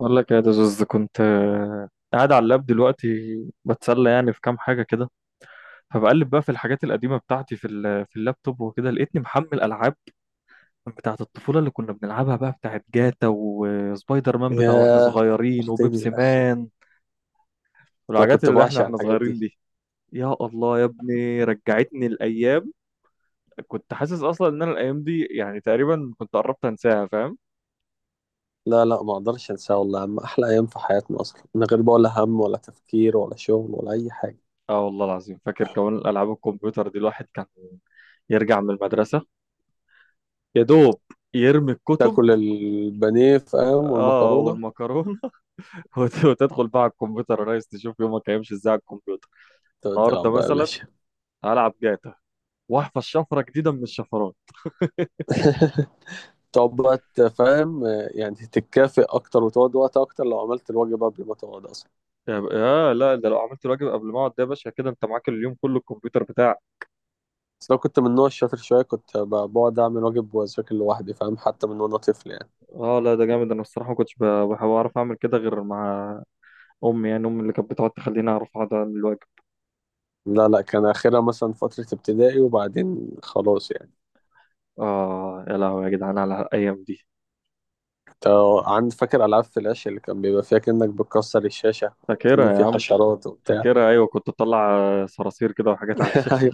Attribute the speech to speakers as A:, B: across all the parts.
A: بقول لك يا دزوز كنت قاعد على اللاب دلوقتي، بتسلى يعني في كام حاجة كده. فبقلب بقى في الحاجات القديمة بتاعتي في في اللابتوب وكده، لقيتني محمل ألعاب بتاعة الطفولة اللي كنا بنلعبها بقى، بتاعة جاتا وسبايدر مان بتاع واحنا
B: ياه،
A: صغيرين
B: فكرتني
A: وبيبسي
B: يا أخي.
A: مان.
B: أنا
A: والحاجات
B: كنت
A: اللي احنا
B: بعشق
A: واحنا
B: الحاجات
A: صغيرين
B: دي.
A: دي، يا الله يا ابني رجعتني الأيام. كنت حاسس أصلا إن أنا الأيام دي يعني تقريبا كنت قربت أنساها، فاهم؟
B: لا، لا، ما أقدرش أنساها والله، عم أحلى أيام في حياتنا أصلا، من غير بقى ولا هم ولا تفكير ولا شغل ولا أي حاجة.
A: اه والله العظيم، فاكر كمان الألعاب الكمبيوتر دي الواحد كان يرجع من المدرسة، يا دوب يرمي الكتب.
B: تاكل البانيه فاهم،
A: اه
B: والمكرونة.
A: والمكرونه. وتدخل بقى على الكمبيوتر يا ريس، تشوف يومك هيمشي ازاي على الكمبيوتر.
B: تقعد
A: النهارده
B: تلعب بقى يا
A: مثلا
B: باشا.
A: هلعب جاتا، واحفظ شفره جديده من الشفرات.
B: تقعد بقى فاهم، يعني تتكافئ أكتر وتقعد وقت أكتر لو عملت الواجب قبل ما تقعد أصلا.
A: يا ب- آه لا، ده لو عملت الواجب قبل ما اقعد، ده يا باشا كده انت معاك اليوم كله الكمبيوتر بتاعك.
B: بس لو كنت من النوع الشاطر شوية كنت بقعد أعمل واجب وأذاكر لوحدي فاهم، حتى من وأنا طفل يعني.
A: اه لا ده جامد، انا الصراحه ما كنتش بعرف اعمل كده غير مع امي، يعني امي اللي كانت بتقعد تخليني اعرف اقعد اعمل الواجب.
B: لا، لا، كان آخرها مثلا فترة ابتدائي، وبعدين خلاص يعني.
A: اه يا لهوي يا جدعان على الايام دي.
B: اه، عند فاكر ألعاب فلاش اللي كان بيبقى فيها كأنك بتكسر الشاشة، كأن
A: فاكرها يا
B: في
A: عم.
B: حشرات وبتاع.
A: فاكرها، ايوه كنت بطلع صراصير كده وحاجات على الشاشه.
B: أيوة.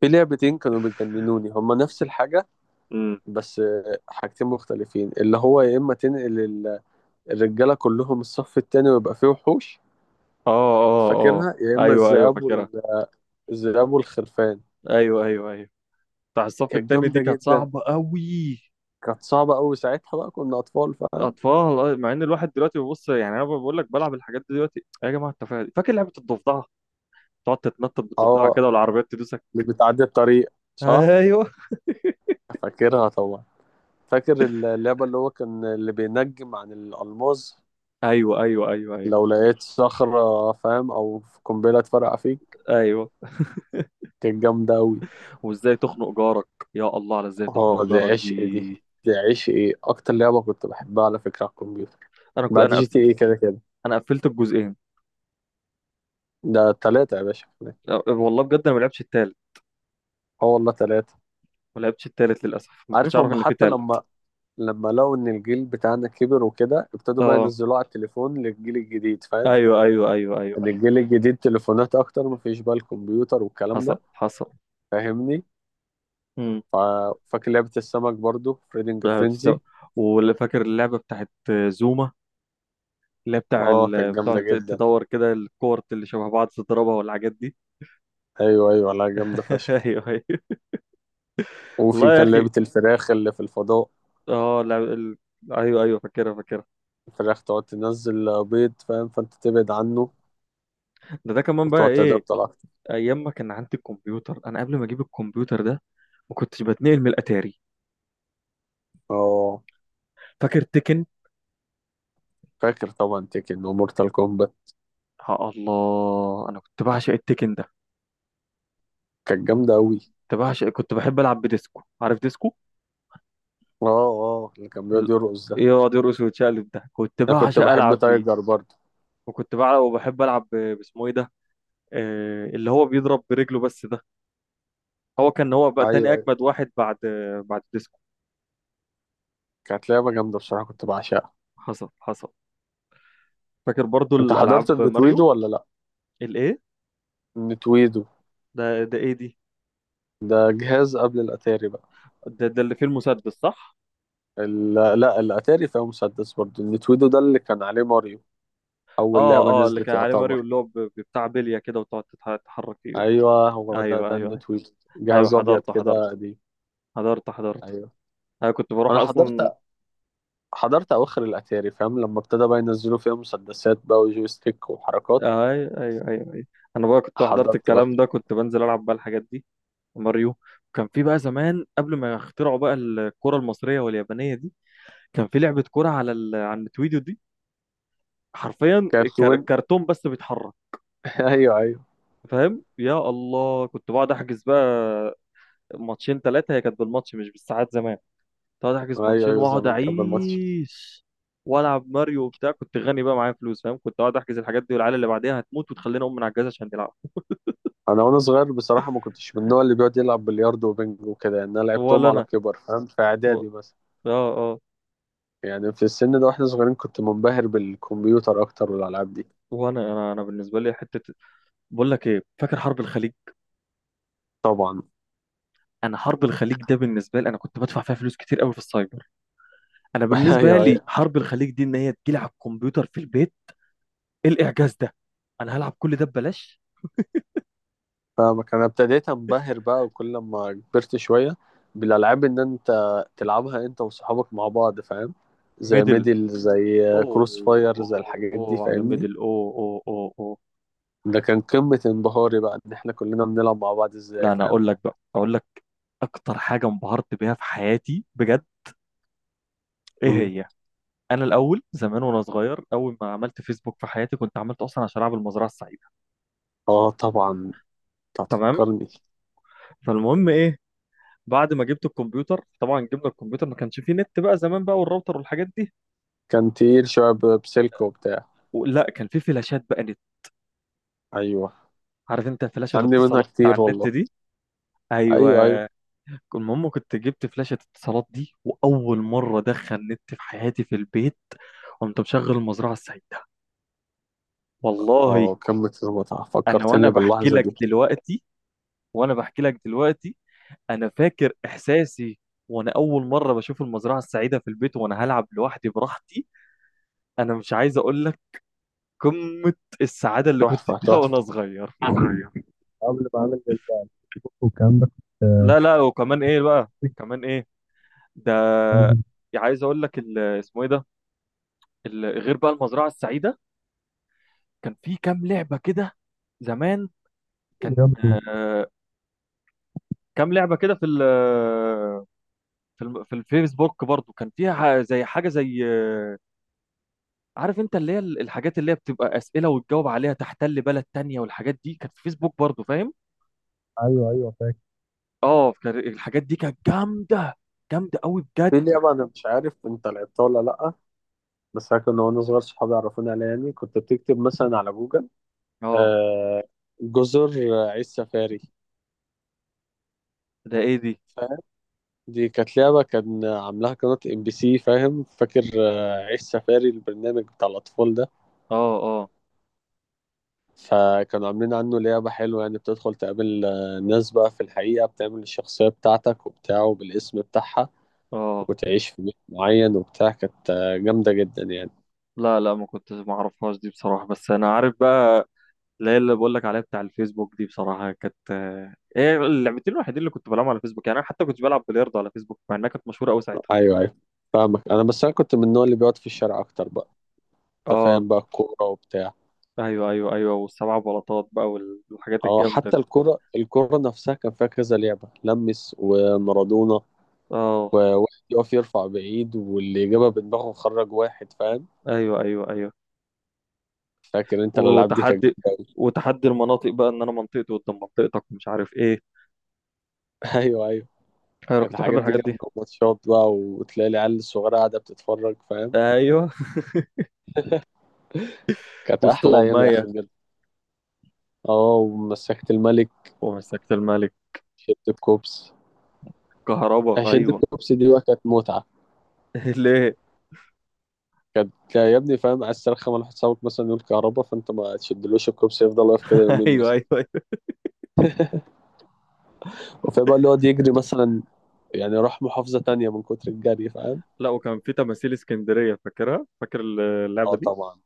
B: في لعبتين كانوا بيجننوني، هما نفس الحاجة. بس حاجتين مختلفين، اللي هو يا إما تنقل الرجالة كلهم الصف التاني ويبقى فيه وحوش.
A: اه اه اه.
B: فاكرها، يا إما
A: ايوه ايوه
B: الذئاب
A: فاكرها.
B: الذئاب والخرفان.
A: ايوه ايوه ايوه. بتاع الصف
B: كانت
A: التاني دي
B: جامدة
A: كانت
B: جدا.
A: صعبة قوي.
B: كانت صعبة أوي ساعتها، بقى كنا أطفال فاهم.
A: اطفال. مع ان الواحد دلوقتي بيبص يعني، انا بقول لك بلعب الحاجات دي دلوقتي يا جماعه، التفاهه دي. فاكر لعبه الضفدعه؟ تقعد تتنطط بالضفدعه
B: اه،
A: كده والعربيات تدوسك.
B: اللي بتعدي الطريق، صح.
A: ايوه
B: فاكرها طبعا. فاكر اللعبة اللي هو كان اللي بينجم عن الألماظ؟
A: ايوه ايوه ايوه. ايوه
B: لو لقيت صخرة فاهم، أو قنبلة اتفرقع فيك.
A: ايوه.
B: كانت جامدة أوي.
A: وازاي تخنق جارك، يا الله على ازاي تخنق
B: اه، دي
A: جارك
B: عشق. دي
A: دي.
B: دي عشق، ايه أكتر لعبة كنت بحبها على فكرة على الكمبيوتر.
A: انا كنت
B: بعد
A: انا
B: جي
A: قف...
B: تي ايه كده كده،
A: انا قفلت الجزئين.
B: ده تلاتة يا باشا.
A: والله بجد انا ما لعبتش التالت.
B: اه والله تلاتة.
A: ما لعبتش التالت للاسف، ما كنتش
B: عارف
A: اعرف
B: هم،
A: ان في
B: حتى
A: تالت.
B: لما لقوا إن الجيل بتاعنا كبر وكده، ابتدوا بقى
A: اه
B: ينزلوه على التليفون للجيل الجديد فاهم.
A: ايوه ايوه ايوه ايوه
B: إن
A: أيوة.
B: الجيل الجديد تليفونات أكتر، مفيش بقى الكمبيوتر والكلام ده،
A: حصل حصل.
B: فاهمني؟
A: امم
B: فاكر لعبة السمك برضو، فريدنج
A: لا بتستوعب،
B: فرينزي.
A: واللي فاكر اللعبة بتاعت زوما، اللي هي
B: اه كانت
A: بتقعد
B: جامدة جدا،
A: تدور كده الكور اللي شبه بعض تضربها والحاجات دي.
B: ايوه ايوه، لا جامدة فشخ.
A: ايوه ايوه.
B: وفي
A: والله يا
B: كان
A: اخي.
B: لعبة الفراخ اللي في الفضاء.
A: اه لا ال... ايوه ايوه فاكرها فاكرها.
B: الفراخ تقعد تنزل بيض فاهم، فانت تبعد عنه
A: ده كمان بقى
B: وتقعد تضرب
A: ايه.
B: اكتر.
A: ايام ما كان عندي الكمبيوتر، انا قبل ما اجيب الكمبيوتر ده ما كنتش بتنقل من الاتاري.
B: اه
A: فاكر تكن؟
B: فاكر طبعا، تيكن ومورتال كومبات،
A: يا الله انا كنت بعشق التكن ده.
B: كانت جامدة اوي.
A: كنت بعشق، كنت بحب العب بديسكو. عارف ديسكو؟
B: اه اه، اللي كان
A: ال-
B: بيقعد يرقص ده.
A: يقعد يرقص ويتشقلب ده، كنت
B: انا كنت
A: بعشق
B: بحب
A: العب بيه.
B: تايجر برضو.
A: وكنت بلعب وبحب العب باسمه ايه ده، اللي هو بيضرب برجله بس ده. هو كان، هو بقى تاني
B: ايوه ايوه.
A: اجمد واحد بعد، بعد ديسكو.
B: كانت لعبة جامدة بصراحة، كنت بعشقها.
A: حصل حصل. فاكر برضو
B: انت
A: الالعاب
B: حضرت
A: ماريو.
B: النتويدو ولا لا؟
A: الايه؟
B: النتويدو
A: ده ايه دي؟
B: ده جهاز قبل الاتاري بقى.
A: ده اللي فيه المسدس صح؟
B: ال- لا، الاتاري فيها مسدس برضه، النتويدو ده اللي كان عليه ماريو، اول
A: اه
B: لعبه
A: اه، اللي
B: نزلت
A: كان عليه ماريو،
B: يعتبر.
A: اللي هو بتاع بليه كده وتقعد تتحرك فيه ده.
B: ايوه، هو ده،
A: ايوه
B: ده
A: ايوه ايوه
B: النتويدو.
A: ايوه.
B: جهاز ابيض
A: حضرته
B: كده
A: حضرته
B: قديم.
A: حضرته حضرته.
B: ايوه
A: انا كنت بروح
B: انا
A: اصلا.
B: حضرت اواخر الاتاري فاهم، لما ابتدى بقى ينزلوا فيها مسدسات بقى وجويستيك وحركات،
A: ايوه ايوه ايوه ايوه. انا بقى كنت حضرت
B: حضرت بقى.
A: الكلام ده، كنت بنزل العب بقى الحاجات دي. وماريو، كان في بقى زمان قبل ما يخترعوا بقى الكرة المصرية واليابانية دي، كان في لعبة كرة على النتويديو دي، حرفيا
B: كانت وين.
A: الكرتون بس بيتحرك.
B: ايوه ايوه،
A: فاهم؟ يا الله كنت بقعد احجز بقى ماتشين ثلاثة، هي كانت بالماتش مش بالساعات زمان. كنت بقعد احجز
B: ايوه
A: ماتشين
B: ايوه
A: واقعد
B: زمان كان بالماتش.
A: اعيش والعب ماريو وبتاع، كنت غني بقى معايا فلوس فاهم، كنت اقعد احجز الحاجات دي والعيال اللي بعديها هتموت وتخلينا اقوم من على الجهاز عشان نلعب.
B: انا وانا صغير بصراحه، ما كنتش من النوع اللي بيقعد يلعب بلياردو وبنج وكده يعني، انا لعبتهم
A: ولا
B: على
A: انا.
B: كبر فاهم، في
A: و...
B: اعدادي بس.
A: اه اه.
B: يعني في السن ده واحنا صغيرين كنت منبهر بالكمبيوتر اكتر والالعاب دي.
A: وانا انا انا بالنسبه لي حته، بقول لك ايه، فاكر حرب الخليج؟
B: طبعا.
A: انا حرب الخليج ده بالنسبه لي، انا كنت بدفع فيها فلوس كتير قوي في السايبر. انا بالنسبه
B: ايوه
A: لي
B: ايوه،
A: حرب الخليج دي ان هي تجيلي على الكمبيوتر في البيت. إيه الاعجاز ده، انا هلعب كل ده ببلاش.
B: فاهمك. انا ابتديت انبهر بقى وكل ما كبرت شويه بالالعاب، ان انت تلعبها انت وصحابك مع بعض فاهم، زي
A: ميدل.
B: ميدل، زي كروس
A: اوه.
B: فاير، زي
A: اوه
B: الحاجات دي،
A: اوه على
B: فاهمني.
A: ميدل، اوه اوه اوه اوه.
B: ده كان قمه انبهاري بقى، ان احنا كلنا بنلعب مع بعض ازاي
A: لا انا
B: فاهم.
A: اقول لك بقى، اقول لك اكتر حاجه انبهرت بيها في حياتي بجد. ايه
B: مم.
A: هي؟ انا الاول زمان وانا صغير، اول ما عملت فيسبوك في حياتي كنت عملته اصلا عشان العب المزرعه السعيده.
B: اه طبعا، انت
A: تمام.
B: هتفكرني.
A: فالمهم ايه، بعد ما جبت الكمبيوتر، طبعا جبنا الكمبيوتر ما كانش فيه نت بقى زمان بقى، والراوتر والحاجات دي.
B: كان تقيل شويه، بسلك وبتاع.
A: لا كان فيه فلاشات بقى نت.
B: ايوه
A: عارف انت فلاشة
B: عندي منها
A: الاتصالات بتاع
B: كتير
A: النت
B: والله.
A: دي؟ ايوه.
B: ايوه ايوه.
A: المهم كنت جبت فلاشة اتصالات دي، واول مرة ادخل نت في حياتي في البيت قمت مشغل المزرعة السعيدة. والله
B: اه كمة المتعة،
A: انا وانا
B: فكرتني
A: بحكي
B: باللحظة
A: لك
B: دي.
A: دلوقتي، وانا بحكي لك دلوقتي انا فاكر احساسي وانا اول مرة بشوف المزرعة السعيدة في البيت وانا هلعب لوحدي براحتي. انا مش عايز اقول لك قمة السعادة اللي كنت
B: تحفة
A: فيها
B: تحفة.
A: وأنا صغير.
B: ايوه، قبل ما اعمل الجيم والكلام ده كنت
A: لا لا، وكمان إيه بقى،
B: كنت
A: وكمان إيه ده،
B: انزل
A: يعني عايز أقول لك اسمه إيه ده، غير بقى المزرعة السعيدة كان في كام لعبة كده زمان، كان
B: رياضه
A: آه، كام لعبة كده في ال، في الفيسبوك برضو، كان فيها زي حاجة زي آه، عارف انت اللي هي الحاجات اللي هي بتبقى أسئلة وتجاوب عليها، تحتل بلد تانية، والحاجات دي كانت في فيسبوك برضو، فاهم.
B: ايوه ايوه، فاكر.
A: اه الحاجات دي كانت جامدة، جامدة قوي بجد.
B: في لعبة أنا مش عارف أنت لعبتها ولا لأ، بس أنا كنا وأنا صغير صحابي عرفوني عليها يعني، كنت بتكتب مثلا على جوجل
A: اه.
B: آه جزر عيش سفاري
A: ده ايه دي؟
B: فاهم. دي كانت لعبة كان عاملاها قناة ام بي سي فاهم. فاكر عيش سفاري البرنامج بتاع الأطفال ده؟
A: اه اه
B: فكانوا عاملين عنه لعبة حلوة يعني، بتدخل تقابل ناس بقى في الحقيقة بتعمل الشخصية بتاعتك وبتاعه بالاسم بتاعها،
A: اه.
B: وتعيش في بيت معين وبتاع، كانت جامدة جدا يعني.
A: لا لا، ما كنتش، ما اعرفهاش دي بصراحة، بس انا عارف بقى اللي هي اللي بقول لك عليها بتاع الفيسبوك دي، بصراحة كانت هي اللعبتين الوحيدين اللي كنت بلعبهم على الفيسبوك، يعني انا حتى كنت بلعب بلياردو على فيسبوك مع انها كانت مشهورة قوي ساعتها.
B: أيوه أيوه فاهمك، أنا بس أنا كنت من النوع اللي بيقعد في الشارع أكتر بقى. أنت
A: اه
B: فاهم بقى، الكورة وبتاع.
A: ايوه ايوه ايوه، والسبع بلاطات بقى والحاجات
B: أه،
A: الجامدة دي.
B: حتى الكورة. الكورة نفسها كان فيها كذا لعبة لمس ومارادونا،
A: اه
B: وواحد يقف يرفع بعيد، واللي جابها بدماغه خرج واحد فاهم.
A: ايوه ايوه ايوه.
B: فاكر أنت الألعاب دي، كانت
A: وتحدي،
B: جامدة أوي.
A: وتحدي المناطق بقى ان انا منطقتي قدام منطقتك ومش عارف ايه.
B: أيوه أيوه.
A: انا
B: كانت
A: كنت بحب
B: الحاجات دي
A: الحاجات دي.
B: جامدة وماتشات بقى، وتلاقي العيال الصغيرة قاعدة بتتفرج فاهم.
A: ايوه.
B: كانت أحلى أيام يا أخي
A: واستغماية.
B: بجد. اه، ومسكت الملك،
A: ومسكت الملك.
B: شدة كوبس.
A: كهربا،
B: شدة
A: ايوه.
B: كوبس دي بقى كانت متعة.
A: ليه؟
B: كانت يا ابني فاهم، عايز ترخم على حسابك مثلا، يقول كهربا فأنت ما تشدلوش الكوبس، يفضل واقف كده يومين
A: ايوه
B: مثلا.
A: ايوه ايوه.
B: وفي بقى اللي يقعد يجري مثلا، يعني راح محافظة تانية من كتر الجري فاهم.
A: لا وكان في تماثيل اسكندريه، فاكرها؟ فاكر
B: اه
A: اللعبه دي؟
B: طبعا،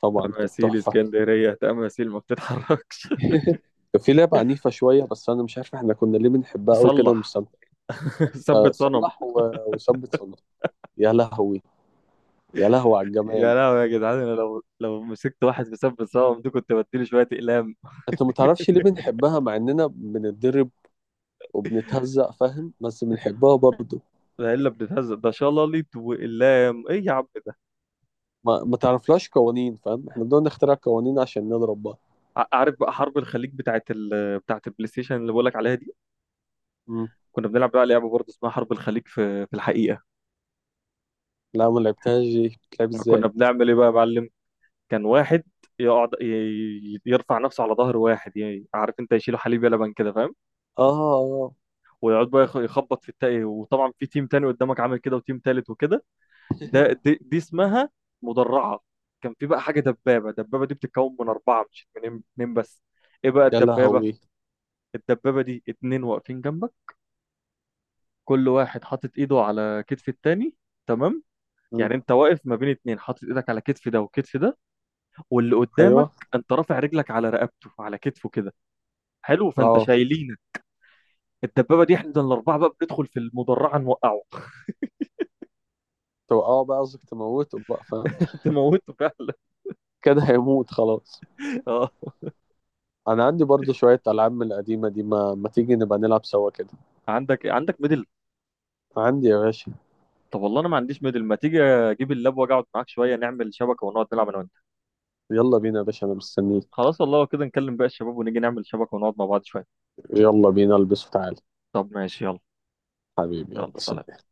B: طبعا كانت
A: تماثيل
B: تحفة.
A: اسكندريه، تماثيل ما بتتحركش.
B: كان في لعبة عنيفة شوية، بس أنا مش عارف احنا كنا ليه بنحبها أوي كده
A: صلح.
B: ومستمتعين. أه،
A: ثبت صنم.
B: صلح وثبت صنع. يا لهوي، يا لهوي على الجمال.
A: يا لهوي يا جدعان، انا لو مسكت واحد في ثبت صنم دي كنت بديله شويه اقلام.
B: انت ما تعرفش ليه بنحبها، مع اننا بنتدرب وبنتهزق فاهم، بس بنحبها برضه.
A: ده الا بتتهزق، ده شلاليت واقلام ايه يا عم ده.
B: ما تعرفلاش قوانين فاهم، احنا بدنا نخترع قوانين عشان نضرب بقى.
A: عارف بقى حرب الخليج بتاعت البلاي ستيشن اللي بقول لك عليها دي،
B: مم.
A: كنا بنلعب بقى لعبه برضه اسمها حرب الخليج في الحقيقه.
B: لا، ما لعبتهاش دي، بتلعب
A: كنا
B: ازاي؟
A: بنعمل ايه بقى يا معلم، كان واحد يقعد يرفع نفسه على ظهر واحد، يعني عارف انت يشيله حليب يلبن كده فاهم،
B: اه اه آه.
A: ويقعد بقى يخبط في التاني، وطبعا في تيم تاني قدامك عامل كده وتيم تالت وكده. ده دي اسمها مدرعة. كان في بقى حاجة دبابة، الدبابة دي بتتكون من أربعة مش من اتنين بس. ايه بقى
B: يا
A: الدبابة؟
B: لهوي.
A: الدبابة دي اتنين واقفين جنبك، كل واحد حاطط ايده على كتف التاني. تمام. يعني
B: مم.
A: انت واقف ما بين اتنين، حاطط ايدك على كتف ده وكتف ده، واللي قدامك
B: ايوه
A: انت رافع رجلك على رقبته، على كتفه كده. حلو، فانت
B: اه.
A: شايلينه. الدبابه دي احنا الاربعه بقى بندخل في المدرعه نوقعه.
B: توقعه بقى قصدك، تموته بقى فاهم.
A: تموته فعلا.
B: كده هيموت خلاص.
A: اه.
B: انا عندي برضه شويه العاب من القديمه دي، ما تيجي نبقى نلعب سوا كده؟
A: عندك، عندك ميدل؟
B: عندي يا باشا.
A: طب والله انا ما عنديش ميدل، ما تيجي اجيب اللاب واجي اقعد معاك شويه، نعمل شبكه ونقعد نلعب انا وانت.
B: يلا بينا يا باشا، انا مستنيك.
A: خلاص والله لو كده نكلم بقى الشباب ونيجي نعمل شبكه ونقعد مع بعض شويه.
B: يلا بينا، البس وتعالى.
A: طب ماشي يلا.
B: حبيبي،
A: يلا
B: يلا
A: سلام.
B: سلام.